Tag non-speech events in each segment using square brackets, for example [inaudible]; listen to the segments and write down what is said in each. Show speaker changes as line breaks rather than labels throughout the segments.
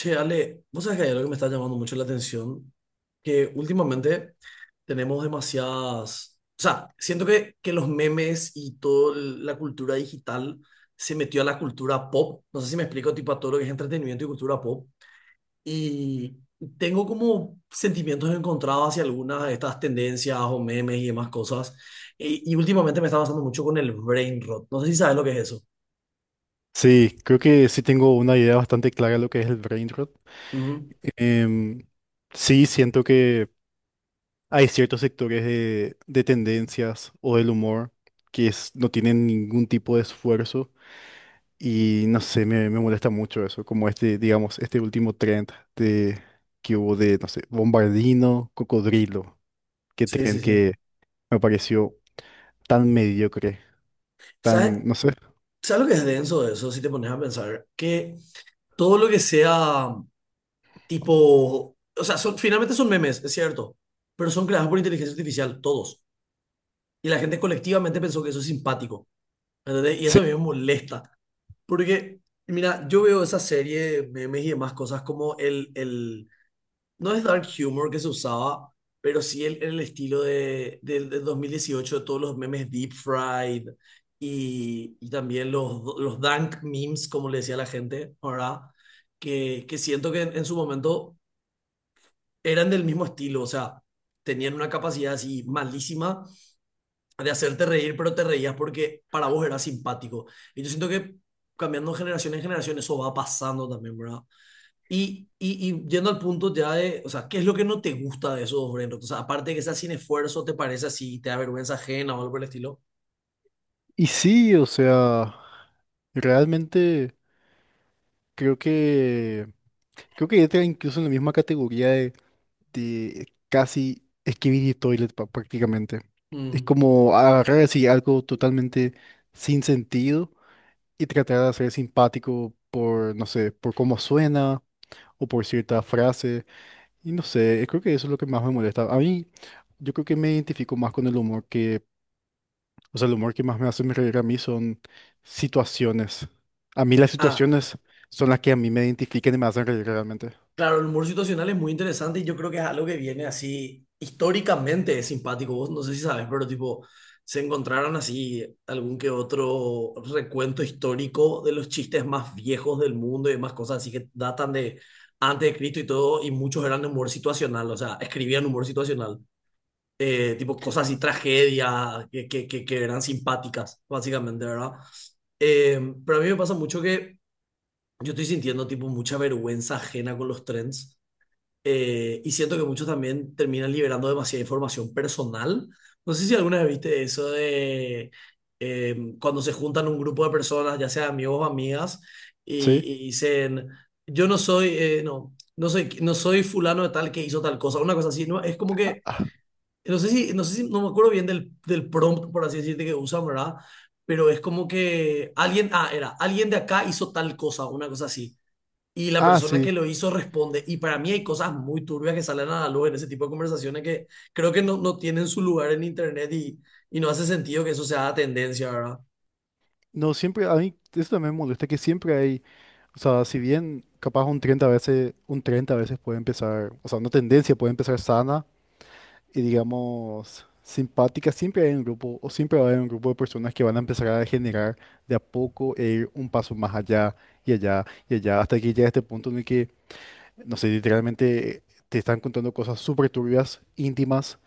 Che, Ale, vos sabés que hay algo que me está llamando mucho la atención, que últimamente tenemos demasiadas, o sea, siento que los memes y toda la cultura digital se metió a la cultura pop, no sé si me explico, tipo a todo lo que es entretenimiento y cultura pop, y tengo como sentimientos encontrados hacia algunas de estas tendencias o memes y demás cosas, y últimamente me está pasando mucho con el brain rot, no sé si sabes lo que es eso.
Sí, creo que sí tengo una idea bastante clara de lo que es el brain rot.
Ujú.
Em, sí, siento que hay ciertos sectores de tendencias o del humor no tienen ningún tipo de esfuerzo y no sé, me molesta mucho eso, como este, digamos, este último trend de, que hubo de, no sé, Bombardino, Cocodrilo, que
Sí, sí,
trend
sí.
que me pareció tan mediocre,
¿Sabes?
tan, no sé.
¿Sabes lo que es denso de eso? Si te pones a pensar que todo lo que sea tipo, o sea, finalmente son memes, es cierto, pero son creados por inteligencia artificial, todos. Y la gente colectivamente pensó que eso es simpático, ¿entendés? Y
Sí,
eso a mí me molesta, porque, mira, yo veo esa serie de memes y demás cosas como no es dark humor que se usaba, pero sí el estilo de, del 2018, de todos los memes deep fried y también los dank memes, como le decía la gente, ¿verdad? Que siento que en su momento eran del mismo estilo, o sea, tenían una capacidad así malísima de hacerte reír, pero te reías porque para vos era simpático. Y yo siento que cambiando de generación en generación eso va pasando también, ¿verdad? Y yendo al punto ya de, o sea, ¿qué es lo que no te gusta de esos dos Brent? O sea, aparte de que sea sin esfuerzo, ¿te parece así? ¿Te da vergüenza ajena o algo por el estilo?
y sí, o sea, realmente creo que... Creo que entra incluso en la misma categoría de casi Skibidi Toilet prácticamente. Es
Mm.
como agarrar así algo totalmente sin sentido y tratar de ser simpático por, no sé, por cómo suena o por cierta frase. Y no sé, creo que eso es lo que más me molesta. A mí, yo creo que me identifico más con el humor que, o sea, el humor que más me hace reír a mí son situaciones. A mí las
Ah,
situaciones son las que a mí me identifican y me hacen reír realmente.
claro, el humor situacional es muy interesante y yo creo que es algo que viene así históricamente es simpático. Vos no sé si sabes, pero tipo, se encontraron así algún que otro recuento histórico de los chistes más viejos del mundo y demás cosas así que datan de antes de Cristo y todo, y muchos eran de humor situacional, o sea, escribían humor situacional. Tipo cosas y tragedias que eran simpáticas, básicamente, ¿verdad? Eh, pero a mí me pasa mucho que yo estoy sintiendo tipo mucha vergüenza ajena con los trends. Y siento que muchos también terminan liberando demasiada información personal. No sé si alguna vez viste eso de cuando se juntan un grupo de personas, ya sea amigos o amigas, y,
¿Sí?
y dicen, yo no soy, no soy fulano de tal que hizo tal cosa, una cosa así, ¿no? Es como que no sé si, no sé si, no me acuerdo bien del prompt, por así decirte, que usan, ¿verdad? Pero es como que alguien de acá hizo tal cosa, una cosa así. Y la
Ah,
persona que
sí.
lo hizo responde. Y para mí hay cosas muy turbias que salen a la luz en ese tipo de conversaciones que creo que no tienen su lugar en internet y no hace sentido que eso sea tendencia, ¿verdad?
No, siempre, a mí eso también me molesta, que siempre hay, o sea, si bien capaz un 30 veces, un 30 veces puede empezar, o sea, una tendencia puede empezar sana y digamos simpática, siempre hay un grupo, o siempre va a haber un grupo de personas que van a empezar a generar de a poco e ir un paso más allá y allá y allá, hasta que llega este punto en el que, no sé, literalmente te están contando cosas súper turbias, íntimas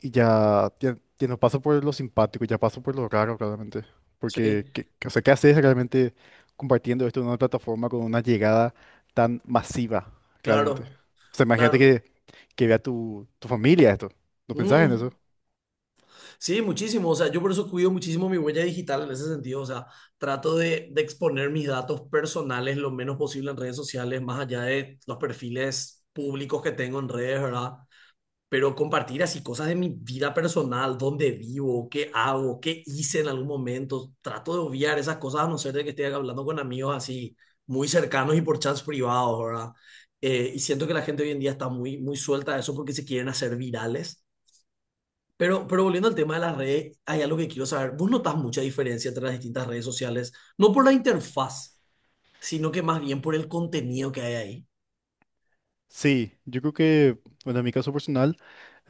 y ya, ya, ya no paso por lo simpático, ya paso por lo raro realmente.
Sí,
Porque ¿qué, o sea, qué haces realmente compartiendo esto en una plataforma con una llegada tan masiva realmente? O
claro,
sea, imagínate
claro.
que vea tu familia esto. ¿No pensás en
Mm.
eso?
Sí, muchísimo. O sea, yo por eso cuido muchísimo mi huella digital en ese sentido. O sea, trato de exponer mis datos personales lo menos posible en redes sociales, más allá de los perfiles públicos que tengo en redes, ¿verdad? Pero compartir así cosas de mi vida personal, dónde vivo, qué hago, qué hice en algún momento. Trato de obviar esas cosas a no ser de que esté hablando con amigos así muy cercanos y por chats privados, ¿verdad? Y siento que la gente hoy en día está muy suelta a eso porque se quieren hacer virales pero volviendo al tema de las redes, hay algo que quiero saber. ¿Vos notas mucha diferencia entre las distintas redes sociales? No por la interfaz, sino que más bien por el contenido que hay ahí.
Sí, yo creo que, bueno, en mi caso personal,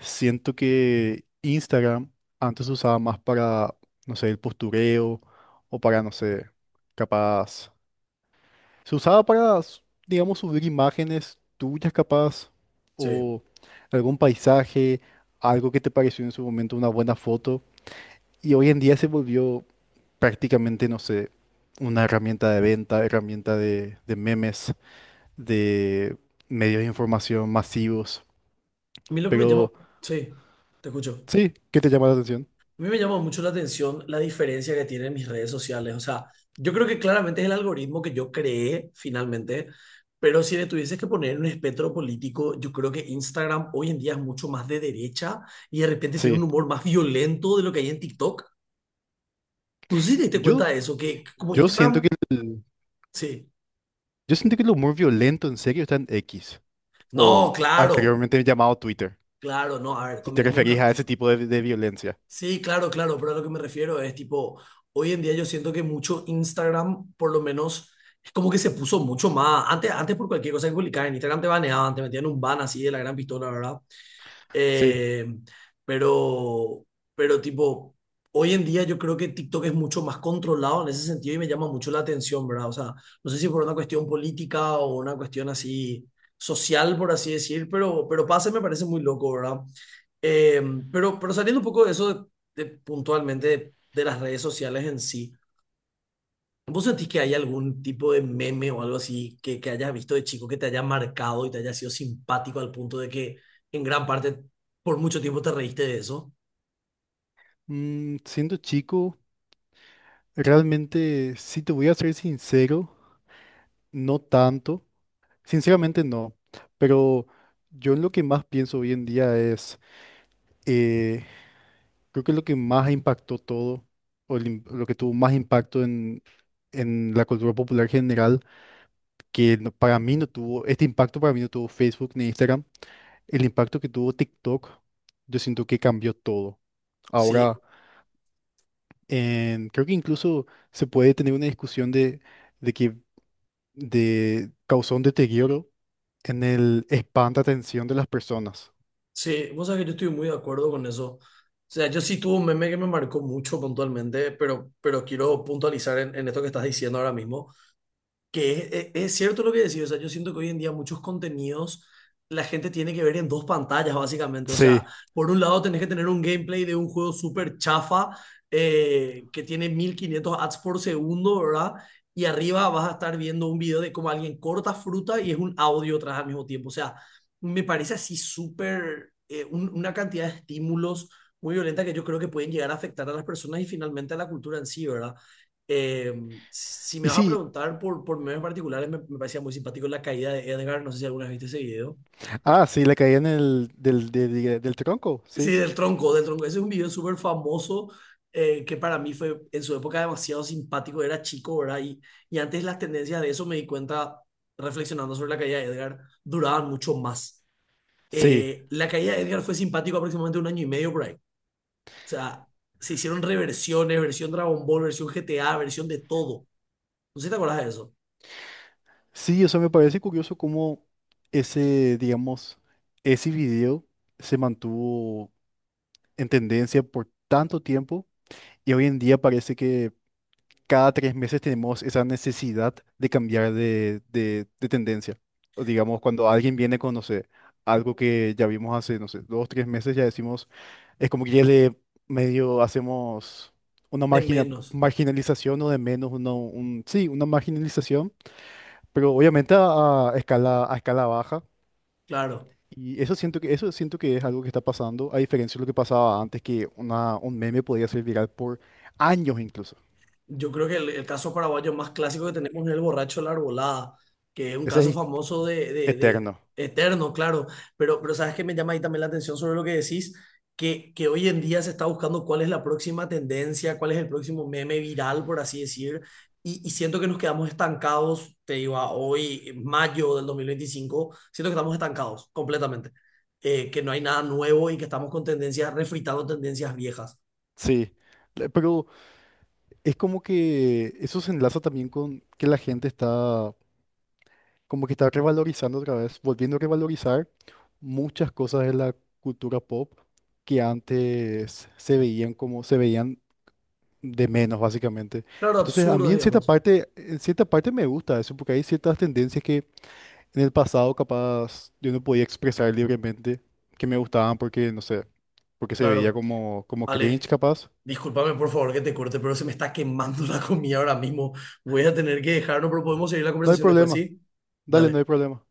siento que Instagram antes se usaba más para, no sé, el postureo o para, no sé, capaz. Se usaba para, s- Digamos, subir imágenes tuyas capaz
Sí.
o algún paisaje, algo que te pareció en su momento una buena foto. Y hoy en día se volvió prácticamente, no sé, una herramienta de venta, herramienta de memes, de medios de información masivos.
A mí lo que me llama,
Pero
sí, te escucho.
sí, ¿qué te llama la atención?
A mí me llama mucho la atención la diferencia que tienen mis redes sociales. O sea, yo creo que claramente es el algoritmo que yo creé finalmente, pero si le tuvieses que poner un espectro político, yo creo que Instagram hoy en día es mucho más de derecha y de repente tiene un
Sí.
humor más violento de lo que hay en TikTok. No sé si te diste cuenta
Yo,
de eso, que como
yo siento
Instagram,
que
sí.
yo siento que el humor violento en serio está en X o
No, claro,
anteriormente llamado Twitter.
claro, no, a ver,
Si te
convengamos una
referís a
cosa.
ese tipo de violencia.
Sí, claro, claro, pero a lo que me refiero es tipo, hoy en día yo siento que mucho Instagram, por lo menos, es como que se puso mucho más. Antes por cualquier cosa que publicaba en Instagram te baneaban, te metían un ban así de la gran pistola, ¿verdad?
Sí.
Eh, pero, pero tipo, hoy en día yo creo que TikTok es mucho más controlado en ese sentido y me llama mucho la atención, ¿verdad? O sea, no sé si por una cuestión política o una cuestión así social, por así decir, pero pase me parece muy loco, ¿verdad? Eh, pero saliendo un poco de eso de puntualmente de las redes sociales en sí, ¿vos sentís que hay algún tipo de meme o algo así que hayas visto de chico que te haya marcado y te haya sido simpático al punto de que en gran parte por mucho tiempo te reíste de eso?
Mm, siendo chico, realmente, si te voy a ser sincero, no tanto. Sinceramente no. Pero yo en lo que más pienso hoy en día es, eh, creo que lo que más impactó todo, o el lo que tuvo más impacto en la cultura popular general, que no- para mí no tuvo, este impacto para mí no tuvo Facebook ni Instagram, el impacto que tuvo TikTok, yo siento que cambió todo. Ahora...
Sí,
Creo que incluso se puede tener una discusión de que de, causó un deterioro en el espanto atención de las personas.
sí, vos sabés que yo estoy muy de acuerdo con eso. O sea, yo sí tuve un meme que me marcó mucho puntualmente, pero quiero puntualizar en esto que estás diciendo ahora mismo. Que es cierto lo que decís, o sea, yo siento que hoy en día muchos contenidos la gente tiene que ver en dos pantallas, básicamente. O sea,
Sí.
por un lado tenés que tener un gameplay de un juego súper chafa que tiene 1500 ads por segundo, ¿verdad? Y arriba vas a estar viendo un video de cómo alguien corta fruta y es un audio atrás al mismo tiempo. O sea, me parece así súper una cantidad de estímulos muy violenta que yo creo que pueden llegar a afectar a las personas y finalmente a la cultura en sí, ¿verdad? Si me
Y
vas a
sí,
preguntar por memes particulares, me parecía muy simpático la caída de Edgar. No sé si alguna vez viste ese video.
ah, sí, la caída en el, del, de- del tronco,
Sí,
sí.
del tronco, del tronco. Ese es un video súper famoso que para mí fue en su época demasiado simpático. Era chico, ¿verdad? Y antes las tendencias de eso me di cuenta reflexionando sobre la caída de Edgar duraban mucho más.
Sí,
La caída de Edgar fue simpático aproximadamente un año y medio por ahí. O sea, se hicieron reversiones, versión Dragon Ball, versión GTA, versión de todo. No sé si te acuerdas de eso.
sí, eso me parece curioso cómo ese, digamos, ese video se mantuvo en tendencia por tanto tiempo y hoy en día parece que cada tres meses tenemos esa necesidad de cambiar de tendencia. O digamos, cuando alguien viene con, no sé, algo que ya vimos hace, no sé, dos, tres meses, ya decimos, es como que ya le medio hacemos una
De menos,
marginalización o de menos, uno, un, sí, una marginalización, pero obviamente a escala baja.
claro.
Y eso siento que es algo que está pasando, a diferencia de lo que pasaba antes, que un meme podía ser viral por años incluso.
Yo creo que el caso paraguayo más clásico que tenemos es el borracho de la arbolada, que es un
Ese
caso
es
famoso
eterno.
eterno, claro, pero sabes que me llama ahí también la atención sobre lo que decís, que hoy en día se está buscando cuál es la próxima tendencia, cuál es el próximo meme viral, por así decir, y siento que nos quedamos estancados, te digo, a hoy, mayo del 2025, siento que estamos estancados completamente, que no hay nada nuevo y que estamos con tendencias, refritando tendencias viejas,
Sí, le- pero es como que eso se enlaza también con que la gente está como que está revalorizando otra vez, volviendo a revalorizar muchas cosas de la cultura pop que antes se veían como se veían de menos básicamente.
claro,
Entonces, a mí
absurdas, digamos,
en cierta parte me gusta eso porque hay ciertas tendencias que en el pasado capaz yo no podía expresar libremente que me gustaban porque no sé, porque se veía
claro.
como como cringe
Ale,
capaz.
discúlpame por favor que te corte, pero se me está quemando [laughs] la comida ahora mismo. Voy a tener que dejarlo, pero podemos seguir la
No hay
conversación después,
problema.
¿sí?
Dale, no hay
Dale.
problema.